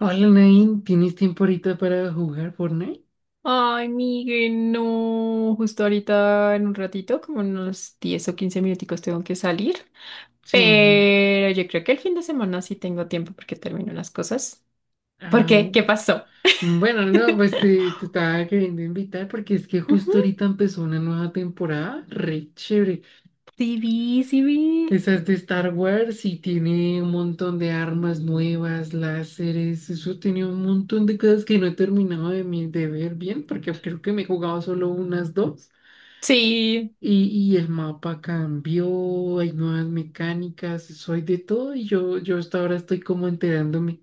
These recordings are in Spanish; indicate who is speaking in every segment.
Speaker 1: Hola, Nain, ¿tienes tiempo ahorita para jugar Fortnite?
Speaker 2: Ay, Miguel, no. Justo ahorita en un ratito, como en unos 10 o 15 minuticos tengo que salir.
Speaker 1: Sí.
Speaker 2: Pero yo creo que el fin de semana sí tengo tiempo porque termino las cosas. ¿Por qué?
Speaker 1: Au.
Speaker 2: ¿Qué pasó?
Speaker 1: Bueno, no, pues te estaba queriendo invitar porque es que justo
Speaker 2: Ujú.
Speaker 1: ahorita empezó una nueva temporada, re chévere.
Speaker 2: Sí vi, sí vi.
Speaker 1: Esa es de Star Wars y tiene un montón de armas nuevas, láseres, eso tiene un montón de cosas que no he terminado de, de ver bien porque creo que me he jugado solo unas dos.
Speaker 2: Sí,
Speaker 1: Y, y el mapa cambió, hay nuevas mecánicas, soy de todo y yo hasta ahora estoy como enterándome.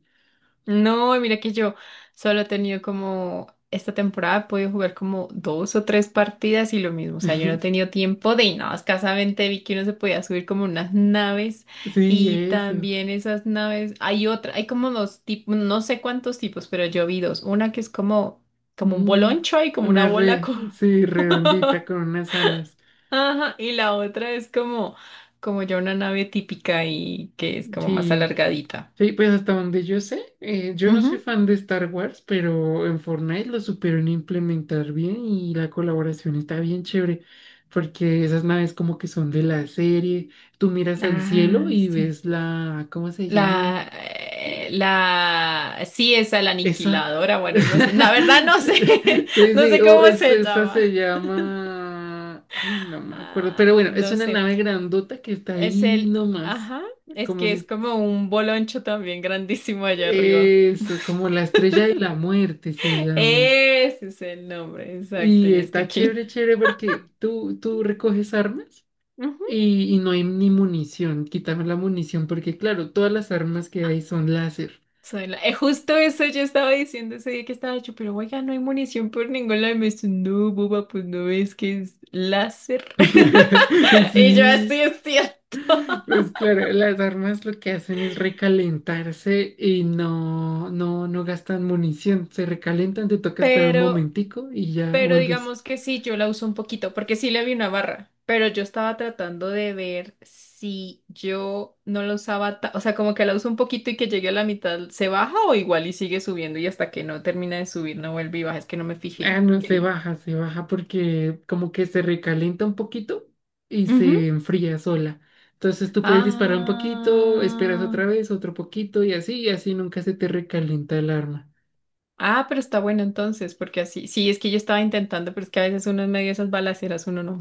Speaker 2: no, mira que yo solo he tenido como esta temporada he podido jugar como dos o tres partidas y lo mismo, o sea, yo no he tenido tiempo de y nada, escasamente vi que uno se podía subir como unas naves
Speaker 1: Sí,
Speaker 2: y
Speaker 1: eso.
Speaker 2: también esas naves, hay otra, hay como dos tipos, no sé cuántos tipos, pero yo vi dos, una que es como un
Speaker 1: Mm,
Speaker 2: boloncho y como una
Speaker 1: una
Speaker 2: bola
Speaker 1: red,
Speaker 2: con
Speaker 1: sí, redondita con unas alas.
Speaker 2: ajá, y la otra es como ya una nave típica y que es como más
Speaker 1: Sí,
Speaker 2: alargadita.
Speaker 1: sí, pues hasta donde yo sé, yo no
Speaker 2: Ujú.
Speaker 1: soy fan de Star Wars, pero en Fortnite lo supieron implementar bien y la colaboración está bien chévere, porque esas naves como que son de la serie. Tú miras al cielo
Speaker 2: Ah,
Speaker 1: y
Speaker 2: sí.
Speaker 1: ves la, ¿cómo se llama?
Speaker 2: La, sí, esa, la
Speaker 1: Esa.
Speaker 2: aniquiladora, bueno, no sé, la verdad no sé,
Speaker 1: Sí,
Speaker 2: no
Speaker 1: sí,
Speaker 2: sé cómo se
Speaker 1: esa
Speaker 2: llama.
Speaker 1: se llama. Ay, no me acuerdo. Pero
Speaker 2: Ah,
Speaker 1: bueno, es
Speaker 2: no
Speaker 1: una
Speaker 2: sé,
Speaker 1: nave grandota que está ahí nomás.
Speaker 2: ajá, es
Speaker 1: Como
Speaker 2: que es
Speaker 1: si.
Speaker 2: como un boloncho también grandísimo allá arriba.
Speaker 1: Eso, como la estrella de la muerte se llama.
Speaker 2: Ese es el nombre, exacto,
Speaker 1: Y
Speaker 2: y es que
Speaker 1: está
Speaker 2: aquí.
Speaker 1: chévere, porque tú recoges armas
Speaker 2: Ujú.
Speaker 1: y no hay ni munición. Quítame la munición, porque claro, todas las armas que hay son láser.
Speaker 2: Justo eso yo estaba diciendo ese día que estaba yo, pero oiga, no hay munición por ningún lado. Y me dice, no, boba, pues no ves que es láser. Y yo
Speaker 1: Sí.
Speaker 2: así es cierto.
Speaker 1: Pues claro, las armas lo que hacen es recalentarse y no gastan munición. Se recalentan, te toca esperar un
Speaker 2: Pero
Speaker 1: momentico y ya
Speaker 2: Pero
Speaker 1: vuelves.
Speaker 2: digamos que sí, yo la uso un poquito, porque sí le vi una barra, pero yo estaba tratando de ver si yo no la usaba, o sea, como que la uso un poquito y que llegue a la mitad, ¿se baja o igual y sigue subiendo y hasta que no termina de subir no vuelve y baja? Es que no me
Speaker 1: Ah,
Speaker 2: fijé.
Speaker 1: no,
Speaker 2: Quería.
Speaker 1: se baja porque como que se recalienta un poquito y
Speaker 2: Ujú.
Speaker 1: se enfría sola. Entonces tú puedes disparar un poquito, esperas
Speaker 2: Ah,
Speaker 1: otra vez, otro poquito y y así nunca se te recalienta el arma.
Speaker 2: ah, pero está bueno entonces, porque así, sí, es que yo estaba intentando, pero es que a veces uno en medio de esas balaceras uno no,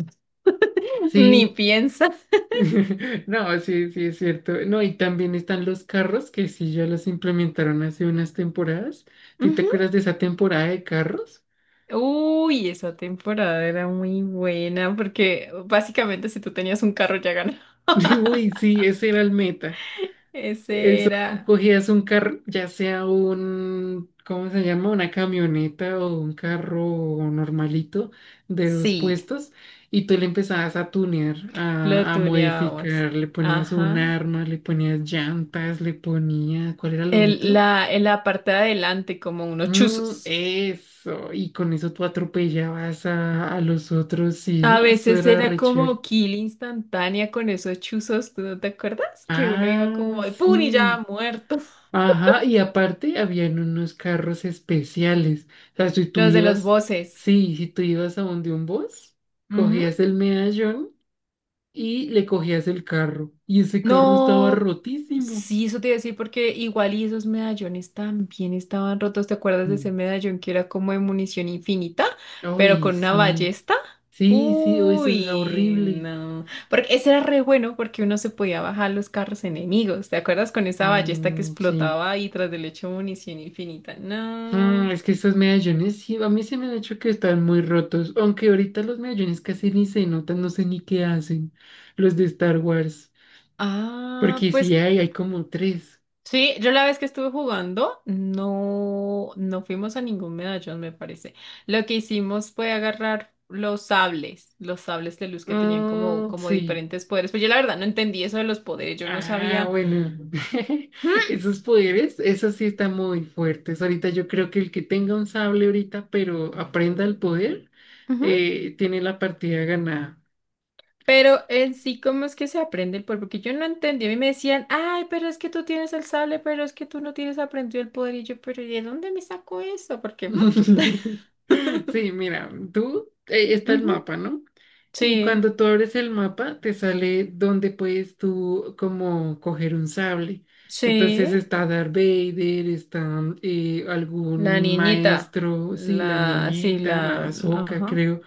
Speaker 2: ni
Speaker 1: Sí,
Speaker 2: piensa.
Speaker 1: No, sí, sí, es cierto. No, y también están los carros que sí ya los implementaron hace unas temporadas. ¿Tú te acuerdas de esa temporada de carros?
Speaker 2: Uy, esa temporada era muy buena porque básicamente si tú tenías un carro ya ganaba.
Speaker 1: Uy, sí, ese era el meta.
Speaker 2: Ese
Speaker 1: Eso, tú
Speaker 2: era,
Speaker 1: cogías un carro, ya sea un, ¿cómo se llama? Una camioneta o un carro normalito de dos
Speaker 2: sí,
Speaker 1: puestos, y tú le empezabas a tunear,
Speaker 2: lo
Speaker 1: a
Speaker 2: tuneábamos.
Speaker 1: modificar, le ponías un
Speaker 2: Ajá.
Speaker 1: arma, le ponías llantas, le ponías, ¿cuál era lo
Speaker 2: El,
Speaker 1: otro?
Speaker 2: la, en la parte de adelante, como unos
Speaker 1: Mm,
Speaker 2: chuzos.
Speaker 1: eso, y con eso tú atropellabas a los otros, sí,
Speaker 2: A
Speaker 1: no, eso
Speaker 2: veces
Speaker 1: era
Speaker 2: era
Speaker 1: re
Speaker 2: como
Speaker 1: chévere.
Speaker 2: kill instantánea con esos chuzos, ¿tú no te acuerdas? Que uno iba
Speaker 1: Ah,
Speaker 2: como de pum y
Speaker 1: sí.
Speaker 2: ya muerto.
Speaker 1: Ajá, y aparte habían unos carros especiales. O sea, si tú
Speaker 2: Los de los
Speaker 1: ibas,
Speaker 2: voces.
Speaker 1: sí, si tú ibas a donde un bus, cogías el medallón y le cogías el carro. Y ese carro estaba
Speaker 2: No,
Speaker 1: rotísimo.
Speaker 2: sí, eso te iba a decir porque igual y esos medallones también estaban rotos. ¿Te acuerdas de
Speaker 1: Mm.
Speaker 2: ese medallón que era como de munición infinita, pero
Speaker 1: Ay,
Speaker 2: con una
Speaker 1: sí.
Speaker 2: ballesta?
Speaker 1: Sí, uy, eso era
Speaker 2: Uy,
Speaker 1: horrible.
Speaker 2: no. Porque ese era re bueno porque uno se podía bajar los carros enemigos. ¿Te acuerdas con esa ballesta que
Speaker 1: Mm, sí.
Speaker 2: explotaba y tras del hecho munición infinita?
Speaker 1: Ah,
Speaker 2: No.
Speaker 1: es que estos medallones, sí, a mí se me han hecho que están muy rotos, aunque ahorita los medallones casi ni se notan, no sé ni qué hacen, los de Star Wars,
Speaker 2: Ah,
Speaker 1: porque sí
Speaker 2: pues
Speaker 1: hay como tres.
Speaker 2: sí, yo la vez que estuve jugando, no, no fuimos a ningún medallón, me parece. Lo que hicimos fue agarrar los sables de luz que tenían como,
Speaker 1: Ah,
Speaker 2: como
Speaker 1: sí.
Speaker 2: diferentes poderes. Pues yo la verdad no entendí eso de los poderes, yo no
Speaker 1: Ah,
Speaker 2: sabía.
Speaker 1: bueno, esos poderes, esos sí están muy fuertes. Ahorita yo creo que el que tenga un sable ahorita, pero aprenda el poder,
Speaker 2: Ujú.
Speaker 1: tiene la partida ganada.
Speaker 2: Pero en sí, ¿cómo es que se aprende el poder? Porque yo no entendí. A mí me decían, ay, pero es que tú tienes el sable, pero es que tú no tienes aprendido el poder. Y yo, pero ¿y de dónde me sacó eso? Porque, ujú,
Speaker 1: Sí, mira, tú, está el
Speaker 2: ujú.
Speaker 1: mapa, ¿no? Y
Speaker 2: Sí,
Speaker 1: cuando tú abres el mapa, te sale donde puedes tú como coger un sable. Entonces
Speaker 2: sí.
Speaker 1: está Darth Vader, está
Speaker 2: La
Speaker 1: algún
Speaker 2: niñita.
Speaker 1: maestro, sí, la
Speaker 2: La, sí,
Speaker 1: niñita, la
Speaker 2: la,
Speaker 1: Ahsoka,
Speaker 2: ajá.
Speaker 1: creo.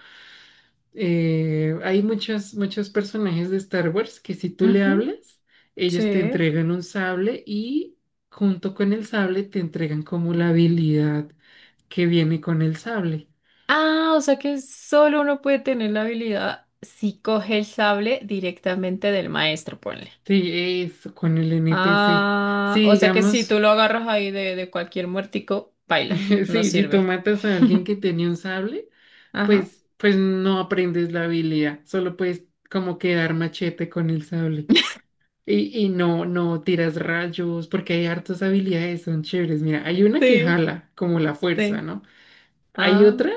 Speaker 1: Hay muchos personajes de Star Wars que si tú le
Speaker 2: Ujú,
Speaker 1: hablas, ellos te
Speaker 2: sí.
Speaker 1: entregan un sable y junto con el sable te entregan como la habilidad que viene con el sable.
Speaker 2: Ah, o sea que solo uno puede tener la habilidad si coge el sable directamente del maestro, ponle.
Speaker 1: Sí, eso, con el NPC.
Speaker 2: Ah,
Speaker 1: Sí,
Speaker 2: o sea que si
Speaker 1: digamos,
Speaker 2: tú lo agarras ahí de cualquier muertico, baila, no
Speaker 1: sí, si tú
Speaker 2: sirve.
Speaker 1: matas a alguien que tenía un sable,
Speaker 2: Ajá.
Speaker 1: pues no aprendes la habilidad, solo puedes como quedar machete con el sable. Y no tiras rayos, porque hay hartas habilidades, son chéveres. Mira, hay una que
Speaker 2: Sí,
Speaker 1: jala, como la fuerza,
Speaker 2: sí.
Speaker 1: ¿no? Hay
Speaker 2: Ah.
Speaker 1: otra,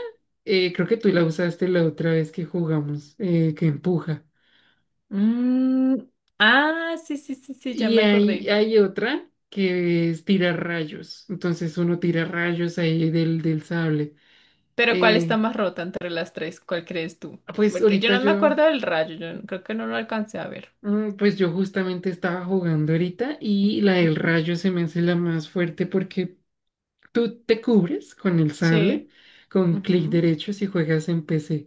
Speaker 1: creo que tú la usaste la otra vez que jugamos, que empuja.
Speaker 2: Mm, ah, sí, sí, sí, sí, ya
Speaker 1: Y
Speaker 2: me acordé.
Speaker 1: hay otra que es tirar rayos. Entonces uno tira rayos ahí del sable.
Speaker 2: Pero ¿cuál está
Speaker 1: Eh,
Speaker 2: más rota entre las tres? ¿Cuál crees tú?
Speaker 1: pues
Speaker 2: Porque yo
Speaker 1: ahorita
Speaker 2: no me acuerdo del rayo, yo no- creo que no lo alcancé a ver.
Speaker 1: mm, pues yo justamente estaba jugando ahorita y la del
Speaker 2: Ujú.
Speaker 1: rayo se me hace la más fuerte porque tú te cubres con el sable,
Speaker 2: Sí,
Speaker 1: con clic
Speaker 2: ujú,
Speaker 1: derecho si juegas en PC.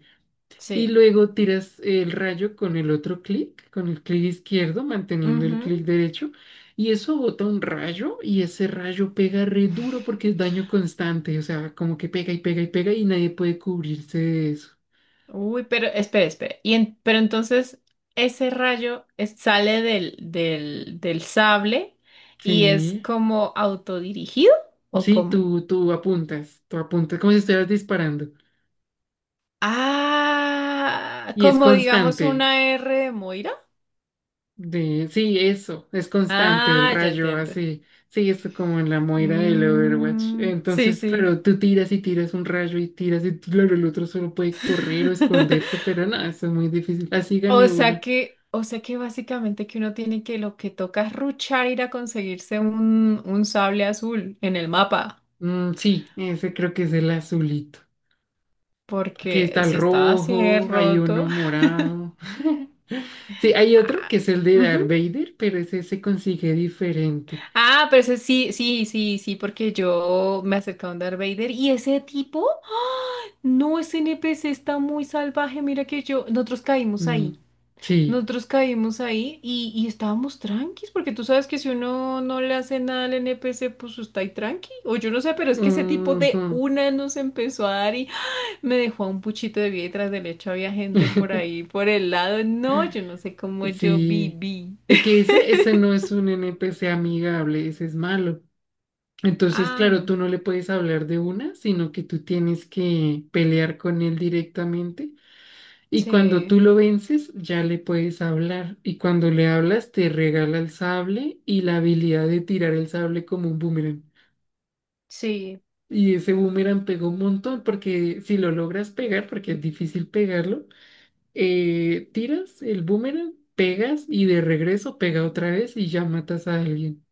Speaker 1: Y
Speaker 2: sí.
Speaker 1: luego tiras el rayo con el otro clic, con el clic izquierdo, manteniendo el
Speaker 2: Ujú.
Speaker 1: clic derecho. Y eso bota un rayo y ese rayo pega re duro porque es daño constante. O sea, como que pega y pega y pega y nadie puede cubrirse de eso.
Speaker 2: Uy, pero espera, espera. Y pero entonces ese rayo sale del sable y es
Speaker 1: Sí,
Speaker 2: como autodirigido ¿o
Speaker 1: sí,
Speaker 2: cómo?
Speaker 1: tú apuntas como si estuvieras disparando.
Speaker 2: Ah,
Speaker 1: Y es
Speaker 2: como digamos
Speaker 1: constante.
Speaker 2: una R de Moira.
Speaker 1: Sí, eso, es constante el
Speaker 2: Ah, ya
Speaker 1: rayo
Speaker 2: entiendo.
Speaker 1: así, sí, es como en la moira del Overwatch.
Speaker 2: Mm, sí,
Speaker 1: Entonces,
Speaker 2: sí.
Speaker 1: claro, tú tiras y tiras un rayo y tiras y claro, el otro solo puede correr o esconderse, pero no, eso es muy difícil. Así gané una.
Speaker 2: O sea que básicamente que uno tiene que lo que toca es ruchar ir a conseguirse un sable azul en el mapa,
Speaker 1: Mm, sí, ese creo que es el azulito. Porque está
Speaker 2: porque
Speaker 1: el
Speaker 2: si está así de
Speaker 1: rojo, hay
Speaker 2: roto.
Speaker 1: uno morado. Sí, hay otro
Speaker 2: Ah,
Speaker 1: que es el de
Speaker 2: ujú.
Speaker 1: Darth Vader, pero ese se consigue diferente.
Speaker 2: Ah, pero ese sí, sí, sí, sí, porque yo me acerqué a un Darth Vader y ese tipo, no, ese NPC está muy salvaje, mira que yo, nosotros caímos
Speaker 1: Mm,
Speaker 2: ahí.
Speaker 1: sí.
Speaker 2: Nosotros caímos ahí y estábamos tranquis, porque tú sabes que si uno no le hace nada al NPC, pues está ahí tranqui. O yo no sé, pero es que ese tipo de
Speaker 1: Ujú.
Speaker 2: una nos empezó a dar y me dejó a un puchito de vida y tras del hecho había gente por ahí, por el lado. No, yo no sé cómo yo
Speaker 1: Sí,
Speaker 2: viví.
Speaker 1: es que ese no es un NPC amigable, ese es malo. Entonces,
Speaker 2: Ah,
Speaker 1: claro,
Speaker 2: no.
Speaker 1: tú no le puedes hablar de una, sino que tú tienes que pelear con él directamente y cuando tú
Speaker 2: Sí,
Speaker 1: lo vences ya le puedes hablar y cuando le hablas te regala el sable y la habilidad de tirar el sable como un boomerang.
Speaker 2: sí.
Speaker 1: Y ese boomerang pegó un montón porque si lo logras pegar, porque es difícil pegarlo, tiras el boomerang, pegas y de regreso pega otra vez y ya matas a alguien.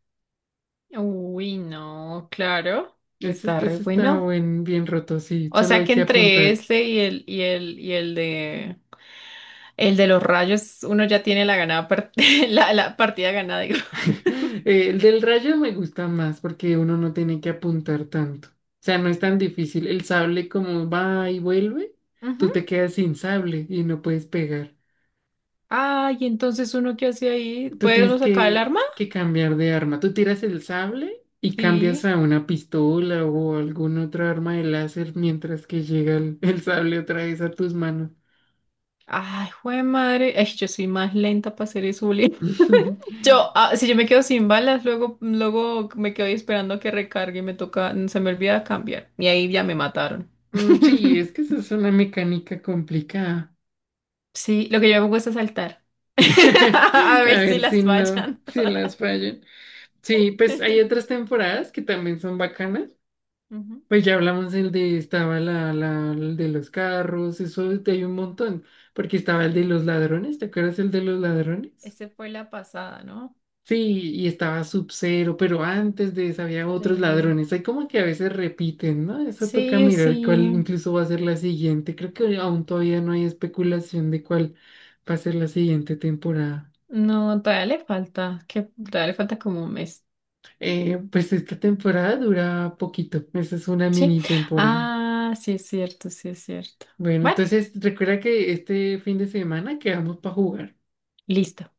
Speaker 2: Uy, no, claro. Está re
Speaker 1: Ese está
Speaker 2: bueno.
Speaker 1: bien roto, sí,
Speaker 2: O
Speaker 1: solo
Speaker 2: sea
Speaker 1: hay
Speaker 2: que
Speaker 1: que
Speaker 2: entre
Speaker 1: apuntar.
Speaker 2: este y el, y el, y el de El de los rayos, uno ya tiene la ganada la partida ganada, digo.
Speaker 1: El del rayo me gusta más porque uno no tiene que apuntar tanto. O sea, no es tan difícil. El sable como va y vuelve,
Speaker 2: Ujú.
Speaker 1: tú te quedas sin sable y no puedes pegar.
Speaker 2: Ay, entonces uno qué hace ahí,
Speaker 1: Tú
Speaker 2: ¿puede
Speaker 1: tienes
Speaker 2: uno sacar el arma?
Speaker 1: que cambiar de arma. Tú tiras el sable y cambias
Speaker 2: Sí.
Speaker 1: a una pistola o algún otro arma de láser mientras que llega el, el sable otra vez a tus manos.
Speaker 2: Ay, jue madre. Ay, yo soy más lenta para hacer eso, Juli. Yo, ah, si yo me quedo sin balas, luego, luego me quedo ahí esperando a que recargue y me toca, se me olvida cambiar. Y ahí ya me mataron.
Speaker 1: Mm, sí, es que esa es una mecánica complicada.
Speaker 2: Sí, lo que yo me pongo es a saltar. A
Speaker 1: A
Speaker 2: ver si
Speaker 1: ver si
Speaker 2: las
Speaker 1: no,
Speaker 2: fallan
Speaker 1: si
Speaker 2: todas.
Speaker 1: las fallan. Sí, pues hay otras temporadas que también son bacanas.
Speaker 2: Ujú,
Speaker 1: Pues ya hablamos el de, estaba el de los carros, eso hay un montón, porque estaba el de
Speaker 2: sí.
Speaker 1: los ladrones, ¿te acuerdas el de los ladrones?
Speaker 2: Esa fue la pasada, ¿no?
Speaker 1: Sí, y estaba Sub-Zero, pero antes de eso había otros
Speaker 2: Sí,
Speaker 1: ladrones. Hay como que a veces repiten, ¿no? Eso toca
Speaker 2: sí,
Speaker 1: mirar cuál
Speaker 2: sí.
Speaker 1: incluso va a ser la siguiente. Creo que aún todavía no hay especulación de cuál va a ser la siguiente temporada.
Speaker 2: No, todavía le falta, que todavía le falta como un mes.
Speaker 1: Pues esta temporada dura poquito. Esa es una
Speaker 2: Sí.
Speaker 1: mini temporada.
Speaker 2: Ah, sí es cierto, sí es cierto.
Speaker 1: Bueno,
Speaker 2: Bueno,
Speaker 1: entonces recuerda que este fin de semana quedamos para jugar.
Speaker 2: listo.